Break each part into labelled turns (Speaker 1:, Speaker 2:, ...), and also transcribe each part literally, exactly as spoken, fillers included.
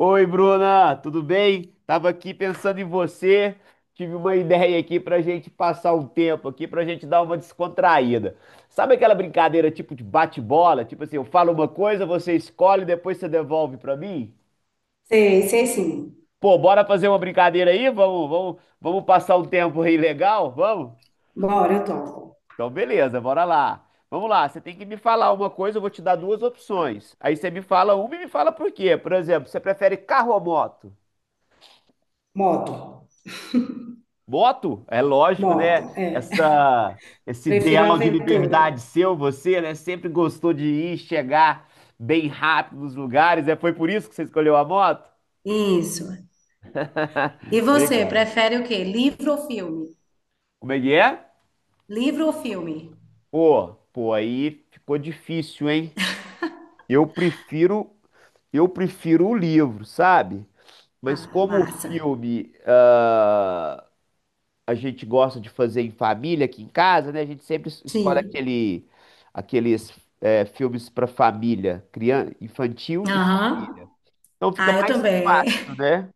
Speaker 1: Oi, Bruna, tudo bem? Tava aqui pensando em você. Tive uma ideia aqui pra gente passar um tempo aqui, pra gente dar uma descontraída. Sabe aquela brincadeira tipo de bate-bola? Tipo assim, eu falo uma coisa, você escolhe, depois você devolve pra mim?
Speaker 2: Sei, sei sim.
Speaker 1: Pô, bora fazer uma brincadeira aí? Vamos, vamos, vamos passar um tempo aí legal? Vamos?
Speaker 2: Bora, eu topo.
Speaker 1: Então, beleza, bora lá. Vamos lá, você tem que me falar uma coisa, eu vou te dar duas opções. Aí você me fala uma e me fala por quê. Por exemplo, você prefere carro ou moto?
Speaker 2: Moto,
Speaker 1: Voto? É lógico, né?
Speaker 2: moto, é.
Speaker 1: Essa, esse
Speaker 2: Prefiro
Speaker 1: ideal de
Speaker 2: aventura.
Speaker 1: liberdade seu, você, né? Sempre gostou de ir, chegar bem rápido nos lugares, né? Foi por isso que você escolheu a moto?
Speaker 2: Isso. E você,
Speaker 1: Legal.
Speaker 2: prefere o quê? Livro ou filme?
Speaker 1: Como é que é?
Speaker 2: Livro ou filme?
Speaker 1: Pô, pô, aí ficou difícil, hein? Eu prefiro, eu prefiro o livro, sabe? Mas
Speaker 2: Ah,
Speaker 1: como o
Speaker 2: massa.
Speaker 1: filme, ah. a gente gosta de fazer em família aqui em casa, né? A gente sempre es- escolhe
Speaker 2: Sim.
Speaker 1: aquele, aqueles é, filmes para família, criança, infantil e família.
Speaker 2: Aham.
Speaker 1: Então fica
Speaker 2: Ah, eu
Speaker 1: mais
Speaker 2: também.
Speaker 1: fácil, né?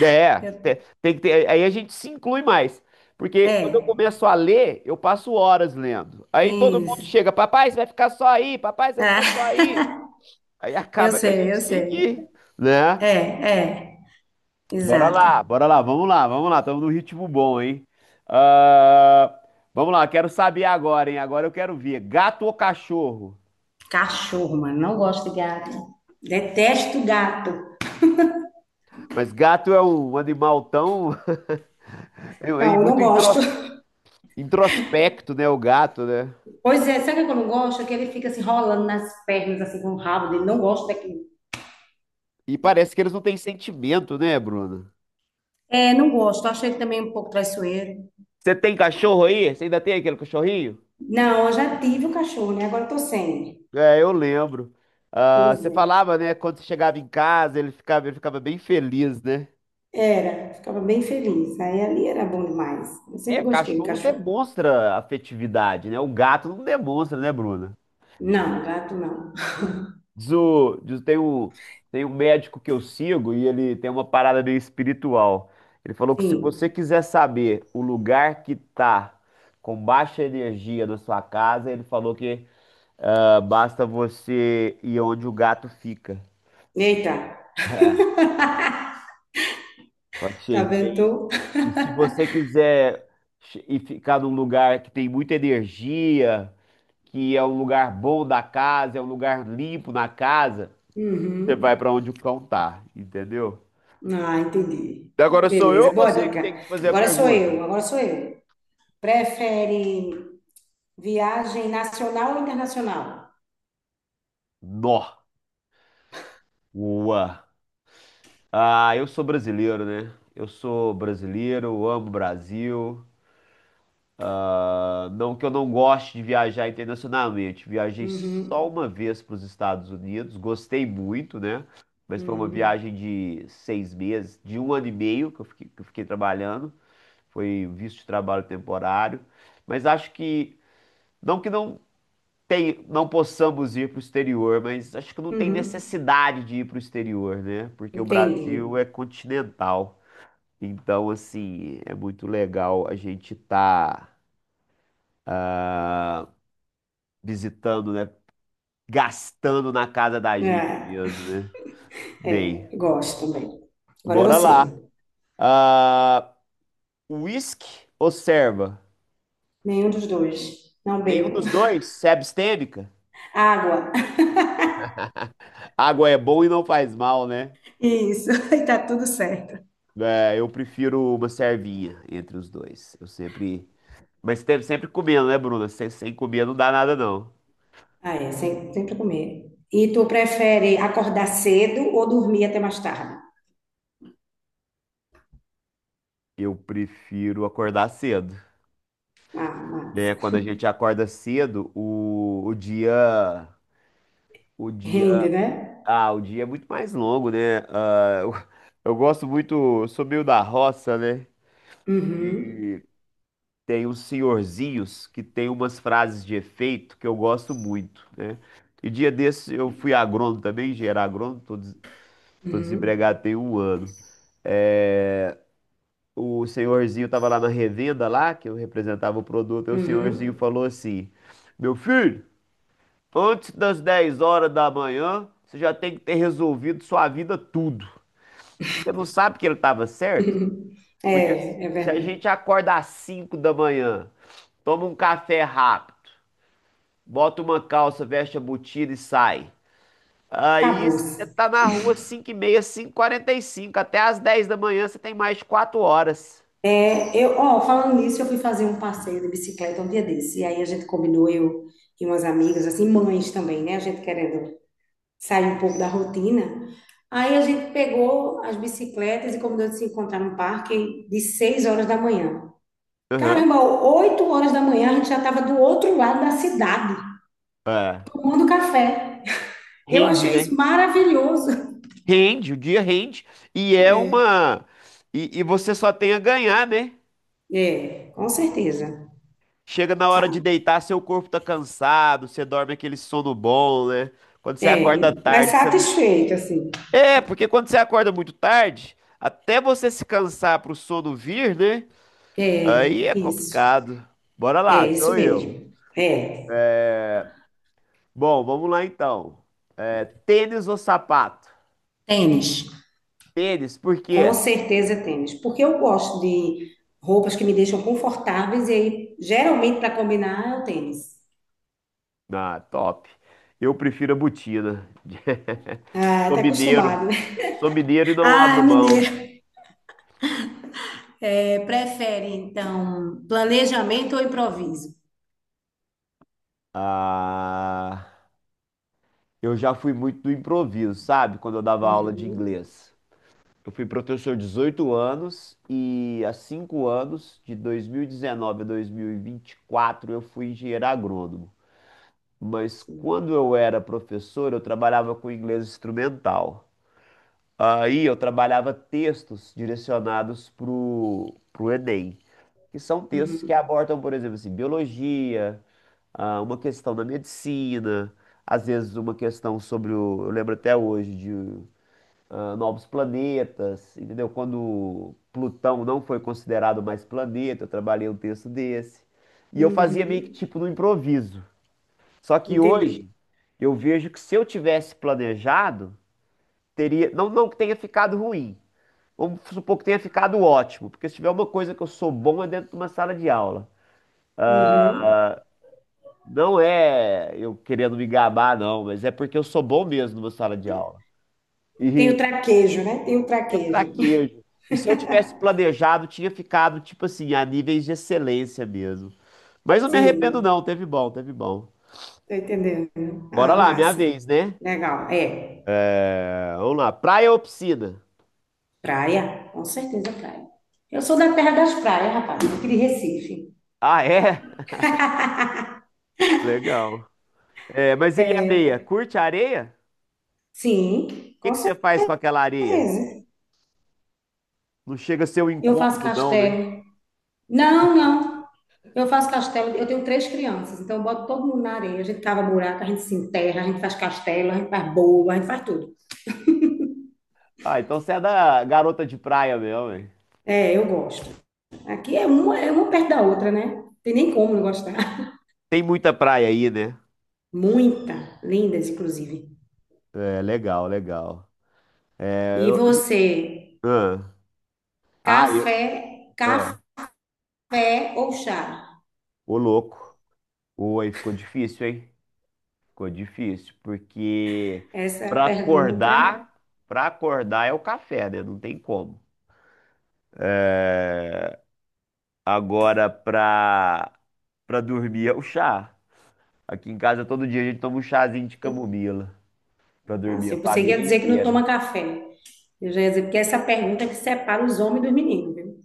Speaker 1: É,
Speaker 2: Eu-
Speaker 1: te- tem que ter, aí a gente se inclui mais. Porque quando eu
Speaker 2: É,
Speaker 1: começo a ler, eu passo horas lendo. Aí todo mundo
Speaker 2: isso.
Speaker 1: chega, papai, você vai ficar só aí, papai, você vai
Speaker 2: Ah,
Speaker 1: ficar só aí. Aí
Speaker 2: eu
Speaker 1: acaba que a
Speaker 2: sei, eu
Speaker 1: gente tem
Speaker 2: sei.
Speaker 1: que,
Speaker 2: É,
Speaker 1: né?
Speaker 2: é,
Speaker 1: Bora
Speaker 2: exato.
Speaker 1: lá, bora lá, vamos lá, vamos lá, estamos num ritmo bom, hein? Ah, vamos lá, quero saber agora, hein? Agora eu quero ver, gato ou cachorro?
Speaker 2: Cachorro, mano. Não gosto de gato. Detesto gato.
Speaker 1: Mas gato é um animal tão. é é
Speaker 2: Não, eu não
Speaker 1: muito
Speaker 2: gosto.
Speaker 1: intros- introspecto, né? O gato, né?
Speaker 2: Pois é, sabe o que eu não gosto? É que ele fica assim rolando nas pernas, assim com o rabo dele. Não gosto daquilo.
Speaker 1: E parece que eles não têm sentimento, né, Bruno?
Speaker 2: É, não gosto. Acho ele também um pouco traiçoeiro.
Speaker 1: Você tem cachorro aí? Você ainda tem aquele cachorrinho?
Speaker 2: Não, eu já tive o cachorro, né? Agora eu tô sem.
Speaker 1: É, eu lembro. Ah,
Speaker 2: Pois
Speaker 1: você
Speaker 2: é.
Speaker 1: falava, né? Quando você chegava em casa, ele ficava, ele ficava bem feliz, né?
Speaker 2: Era, ficava bem feliz. Aí ali era bom demais. Eu sempre
Speaker 1: É,
Speaker 2: gostei de
Speaker 1: cachorro
Speaker 2: cachorro.
Speaker 1: demonstra afetividade, né? O gato não demonstra, né, Bruna?
Speaker 2: Não, gato não.
Speaker 1: Diz o, diz- tem um, tem um médico que eu sigo e ele tem uma parada meio espiritual. Ele falou que se você
Speaker 2: Sim.
Speaker 1: quiser saber o lugar que tá com baixa energia na sua casa, ele falou que ah, basta você ir onde o gato fica.
Speaker 2: Eita,
Speaker 1: É, eu
Speaker 2: tá
Speaker 1: achei
Speaker 2: vendo?
Speaker 1: bem.
Speaker 2: Tu?
Speaker 1: E se você quiser che- ir ficar num lugar que tem muita energia. Que é um lugar bom da casa, é um lugar limpo na casa, você vai
Speaker 2: Uhum.
Speaker 1: para onde o cão tá, entendeu?
Speaker 2: Ah, entendi.
Speaker 1: E agora sou eu
Speaker 2: Beleza,
Speaker 1: ou
Speaker 2: boa
Speaker 1: você que
Speaker 2: dica.
Speaker 1: tem que te fazer a
Speaker 2: Agora sou
Speaker 1: pergunta?
Speaker 2: eu, agora sou eu. Prefere viagem nacional ou internacional?
Speaker 1: Nó. Ua. Ah, eu sou brasileiro, né? Eu sou brasileiro, eu amo o Brasil. Ah, não que eu não goste de viajar internacionalmente. Viajei só
Speaker 2: Uhum,
Speaker 1: uma vez para os Estados Unidos, gostei muito, né? Mas foi uma
Speaker 2: uhum,
Speaker 1: viagem de seis meses, de um ano e meio que eu fiquei, que eu fiquei trabalhando. Foi visto de trabalho temporário, mas acho que não que não tem, não possamos ir para o exterior, mas acho que não tem
Speaker 2: uhum.
Speaker 1: necessidade de ir para o exterior, né? Porque o
Speaker 2: Entendi.
Speaker 1: Brasil é continental. Então, assim, é muito legal a gente estar visitando, né? Gastando na casa da gente
Speaker 2: É,
Speaker 1: mesmo, né? Bem,
Speaker 2: é, gosto também. Agora é
Speaker 1: bora
Speaker 2: você.
Speaker 1: lá. Ah, whisky ou serva?
Speaker 2: Nenhum dos dois. Não
Speaker 1: Nenhum
Speaker 2: bebo.
Speaker 1: dos dois? Se é abstêmica?
Speaker 2: Água.
Speaker 1: Água é bom e não faz mal, né?
Speaker 2: Isso, e tá tudo certo.
Speaker 1: É, eu prefiro uma servinha entre os dois. Eu sempre. Mas teve sempre comendo, né, Bruna? Sem, sem comer não dá nada, não.
Speaker 2: Ah, é, sempre, sempre comer. E tu prefere acordar cedo ou dormir até mais tarde?
Speaker 1: Eu prefiro acordar cedo.
Speaker 2: Ah,
Speaker 1: Né?
Speaker 2: massa.
Speaker 1: Quando a gente acorda cedo, o, o dia. O dia.
Speaker 2: Rende, né?
Speaker 1: Ah, o dia é muito mais longo, né? Ah, eu, eu gosto muito. Eu sou meio da roça, né?
Speaker 2: Uhum,
Speaker 1: E tem uns senhorzinhos que tem umas frases de efeito que eu gosto muito, né? E dia desse eu fui agrônomo também, engenheiro agrônomo, tô, tô
Speaker 2: uhum,
Speaker 1: desempregado tem um ano. É, o senhorzinho tava lá na revenda lá, que eu representava o produto, e o senhorzinho
Speaker 2: uhum.
Speaker 1: falou assim: meu filho, antes das dez horas da manhã, você já tem que ter resolvido sua vida tudo. Você não sabe que ele tava certo? Porque
Speaker 2: É, é
Speaker 1: se a
Speaker 2: verdade.
Speaker 1: gente acorda às cinco da manhã, toma um café rápido, bota uma calça, veste a botina e sai. Aí
Speaker 2: Acabou.
Speaker 1: você tá na rua cinco e meia, quarenta e cinco, até às dez da manhã você tem mais de 4 horas.
Speaker 2: Eu, ó, falando nisso, eu fui fazer um passeio de bicicleta um dia desse. E aí a gente combinou, eu e umas amigas, assim, mães também, né? A gente querendo sair um pouco da rotina. Aí a gente pegou as bicicletas e combinou de se encontrar no parque de seis horas da manhã.
Speaker 1: Aham.
Speaker 2: Caramba, oito horas da manhã a gente já estava do outro lado da cidade,
Speaker 1: É.
Speaker 2: tomando café. Eu
Speaker 1: Rende,
Speaker 2: achei isso
Speaker 1: né?
Speaker 2: maravilhoso.
Speaker 1: Rende, o dia rende. E é uma. E, e você só tem a ganhar, né?
Speaker 2: É, com certeza.
Speaker 1: Chega na hora de deitar, seu corpo tá cansado, você dorme aquele sono bom, né? Quando você
Speaker 2: É,
Speaker 1: acorda
Speaker 2: mas
Speaker 1: tarde, você. Não-
Speaker 2: satisfeito, assim.
Speaker 1: É, porque quando você acorda muito tarde, até você se cansar pro sono vir, né? Aí
Speaker 2: É,
Speaker 1: é
Speaker 2: isso.
Speaker 1: complicado. Bora lá,
Speaker 2: É, isso
Speaker 1: sou eu.
Speaker 2: mesmo. É.
Speaker 1: Bom, vamos lá então. É, tênis ou sapato?
Speaker 2: Tênis.
Speaker 1: Tênis, por
Speaker 2: Com
Speaker 1: quê?
Speaker 2: certeza tênis, porque eu gosto de roupas que me deixam confortáveis e aí, geralmente para combinar é o tênis.
Speaker 1: Ah, top. Eu prefiro a botina.
Speaker 2: Ah,
Speaker 1: Sou
Speaker 2: tá
Speaker 1: mineiro.
Speaker 2: acostumado, né?
Speaker 1: Sou mineiro e não
Speaker 2: Ah,
Speaker 1: abro mão.
Speaker 2: mineiro. É, prefere, então, planejamento ou improviso?
Speaker 1: Ah, eu já fui muito do improviso, sabe? Quando eu dava aula de
Speaker 2: Uhum,
Speaker 1: inglês. Eu fui professor 18 anos e há cinco anos, de dois mil e dezenove a dois mil e vinte e quatro, eu fui engenheiro agrônomo. Mas
Speaker 2: sim.
Speaker 1: quando eu era professor, eu trabalhava com inglês instrumental. Aí eu trabalhava textos direcionados pro, pro Enem, que são textos que
Speaker 2: Uhum,
Speaker 1: abordam, por exemplo, assim, biologia, ah, uma questão da medicina, às vezes uma questão sobre o, eu lembro até hoje de ah, novos planetas, entendeu? Quando Plutão não foi considerado mais planeta, eu trabalhei um texto desse. E eu fazia meio que
Speaker 2: uhum.
Speaker 1: tipo no improviso. Só que
Speaker 2: Entendi.
Speaker 1: hoje eu vejo que se eu tivesse planejado, teria, não, não que tenha ficado ruim. Vamos supor que tenha ficado ótimo, porque se tiver uma coisa que eu sou bom é dentro de uma sala de aula.
Speaker 2: Uhum.
Speaker 1: Não é eu querendo me gabar, não, mas é porque eu sou bom mesmo numa sala de aula.
Speaker 2: Tem o
Speaker 1: E
Speaker 2: traquejo, né? Tem o
Speaker 1: eu
Speaker 2: traquejo.
Speaker 1: fraquejo. E se eu tivesse planejado, tinha ficado, tipo assim, a níveis de excelência mesmo. Mas não me arrependo,
Speaker 2: Sim,
Speaker 1: não. Teve bom, teve bom.
Speaker 2: tô entendendo.
Speaker 1: Bora
Speaker 2: Ah,
Speaker 1: lá, minha
Speaker 2: massa.
Speaker 1: vez, né?
Speaker 2: Legal. É.
Speaker 1: É, vamos lá. Praia ou piscina?
Speaker 2: Praia, com certeza praia. Eu sou da terra das praias, rapaz, aqui de Recife.
Speaker 1: Ah, é? Legal. É, mas e areia?
Speaker 2: É.
Speaker 1: Curte areia?
Speaker 2: Sim,
Speaker 1: O que
Speaker 2: com
Speaker 1: que você faz com aquela areia?
Speaker 2: certeza.
Speaker 1: Não chega a ser um
Speaker 2: Eu faço
Speaker 1: incômodo, não, né?
Speaker 2: castelo. Não, não. Eu faço castelo. Eu tenho três crianças, então eu boto todo mundo na areia. A gente cava buraco, a gente se enterra, a gente faz castelo, a gente faz boa, a gente faz tudo.
Speaker 1: Ah, então você é da garota de praia mesmo, hein?
Speaker 2: É, eu gosto. Aqui é uma, é uma perto da outra, né? Tem nem como não gostar.
Speaker 1: Tem muita praia aí, né?
Speaker 2: Muita, lindas, inclusive.
Speaker 1: É, legal, legal. É,
Speaker 2: E
Speaker 1: eu,
Speaker 2: você,
Speaker 1: ah, ah, eu,
Speaker 2: café,
Speaker 1: ah,
Speaker 2: café ou chá?
Speaker 1: ô louco. Pô, aí ficou difícil, hein? Ficou difícil, porque
Speaker 2: Essa é a
Speaker 1: pra
Speaker 2: pergunta.
Speaker 1: acordar, pra acordar é o café, né? Não tem como. Agora pra, pra dormir é o chá. Aqui em casa todo dia a gente toma um chazinho de camomila pra
Speaker 2: Ah,
Speaker 1: dormir
Speaker 2: sim.
Speaker 1: a
Speaker 2: Você ia
Speaker 1: família
Speaker 2: dizer que não toma
Speaker 1: inteira.
Speaker 2: café. Eu já ia dizer, porque é essa pergunta é que separa os homens dos meninos, viu?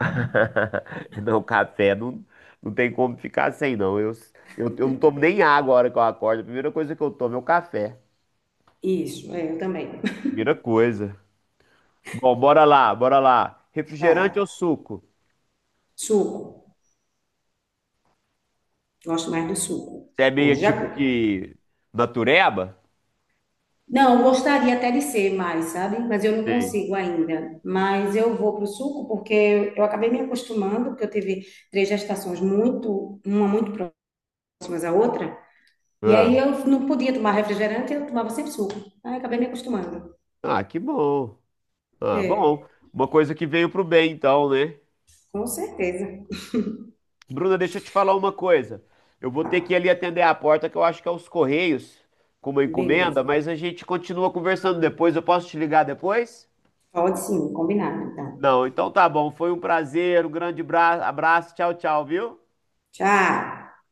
Speaker 1: Não, café não, não tem como ficar sem, não. Eu, eu, eu não tomo nem água a hora que eu acordo. A primeira coisa que eu tomo é o café.
Speaker 2: Isso, é, eu também.
Speaker 1: Primeira coisa. Bom, bora lá, bora lá.
Speaker 2: Vai.
Speaker 1: Refrigerante ou suco?
Speaker 2: Suco. Gosto mais do suco.
Speaker 1: Você é meio
Speaker 2: Hoje já.
Speaker 1: tipo que natureba?
Speaker 2: Não, gostaria até de ser mais, sabe? Mas eu não
Speaker 1: Sei.
Speaker 2: consigo ainda. Mas eu vou pro suco porque eu acabei me acostumando, porque eu tive três gestações muito, uma muito próximas à outra. E aí
Speaker 1: Ah,
Speaker 2: eu não podia tomar refrigerante, eu tomava sempre suco. Aí acabei me acostumando.
Speaker 1: ah, que bom. Ah,
Speaker 2: É,
Speaker 1: bom. Uma coisa que veio pro bem, então, né?
Speaker 2: com certeza.
Speaker 1: Bruna, deixa eu te falar uma coisa. Eu vou ter que ir
Speaker 2: Ah,
Speaker 1: ali atender a porta, que eu acho que é os Correios, com uma
Speaker 2: beleza.
Speaker 1: encomenda, mas a gente continua conversando depois. Eu posso te ligar depois?
Speaker 2: Pode sim, combinado, então.
Speaker 1: Não, então tá bom. Foi um prazer, um grande bra- abraço. Tchau, tchau, viu?
Speaker 2: Tchau.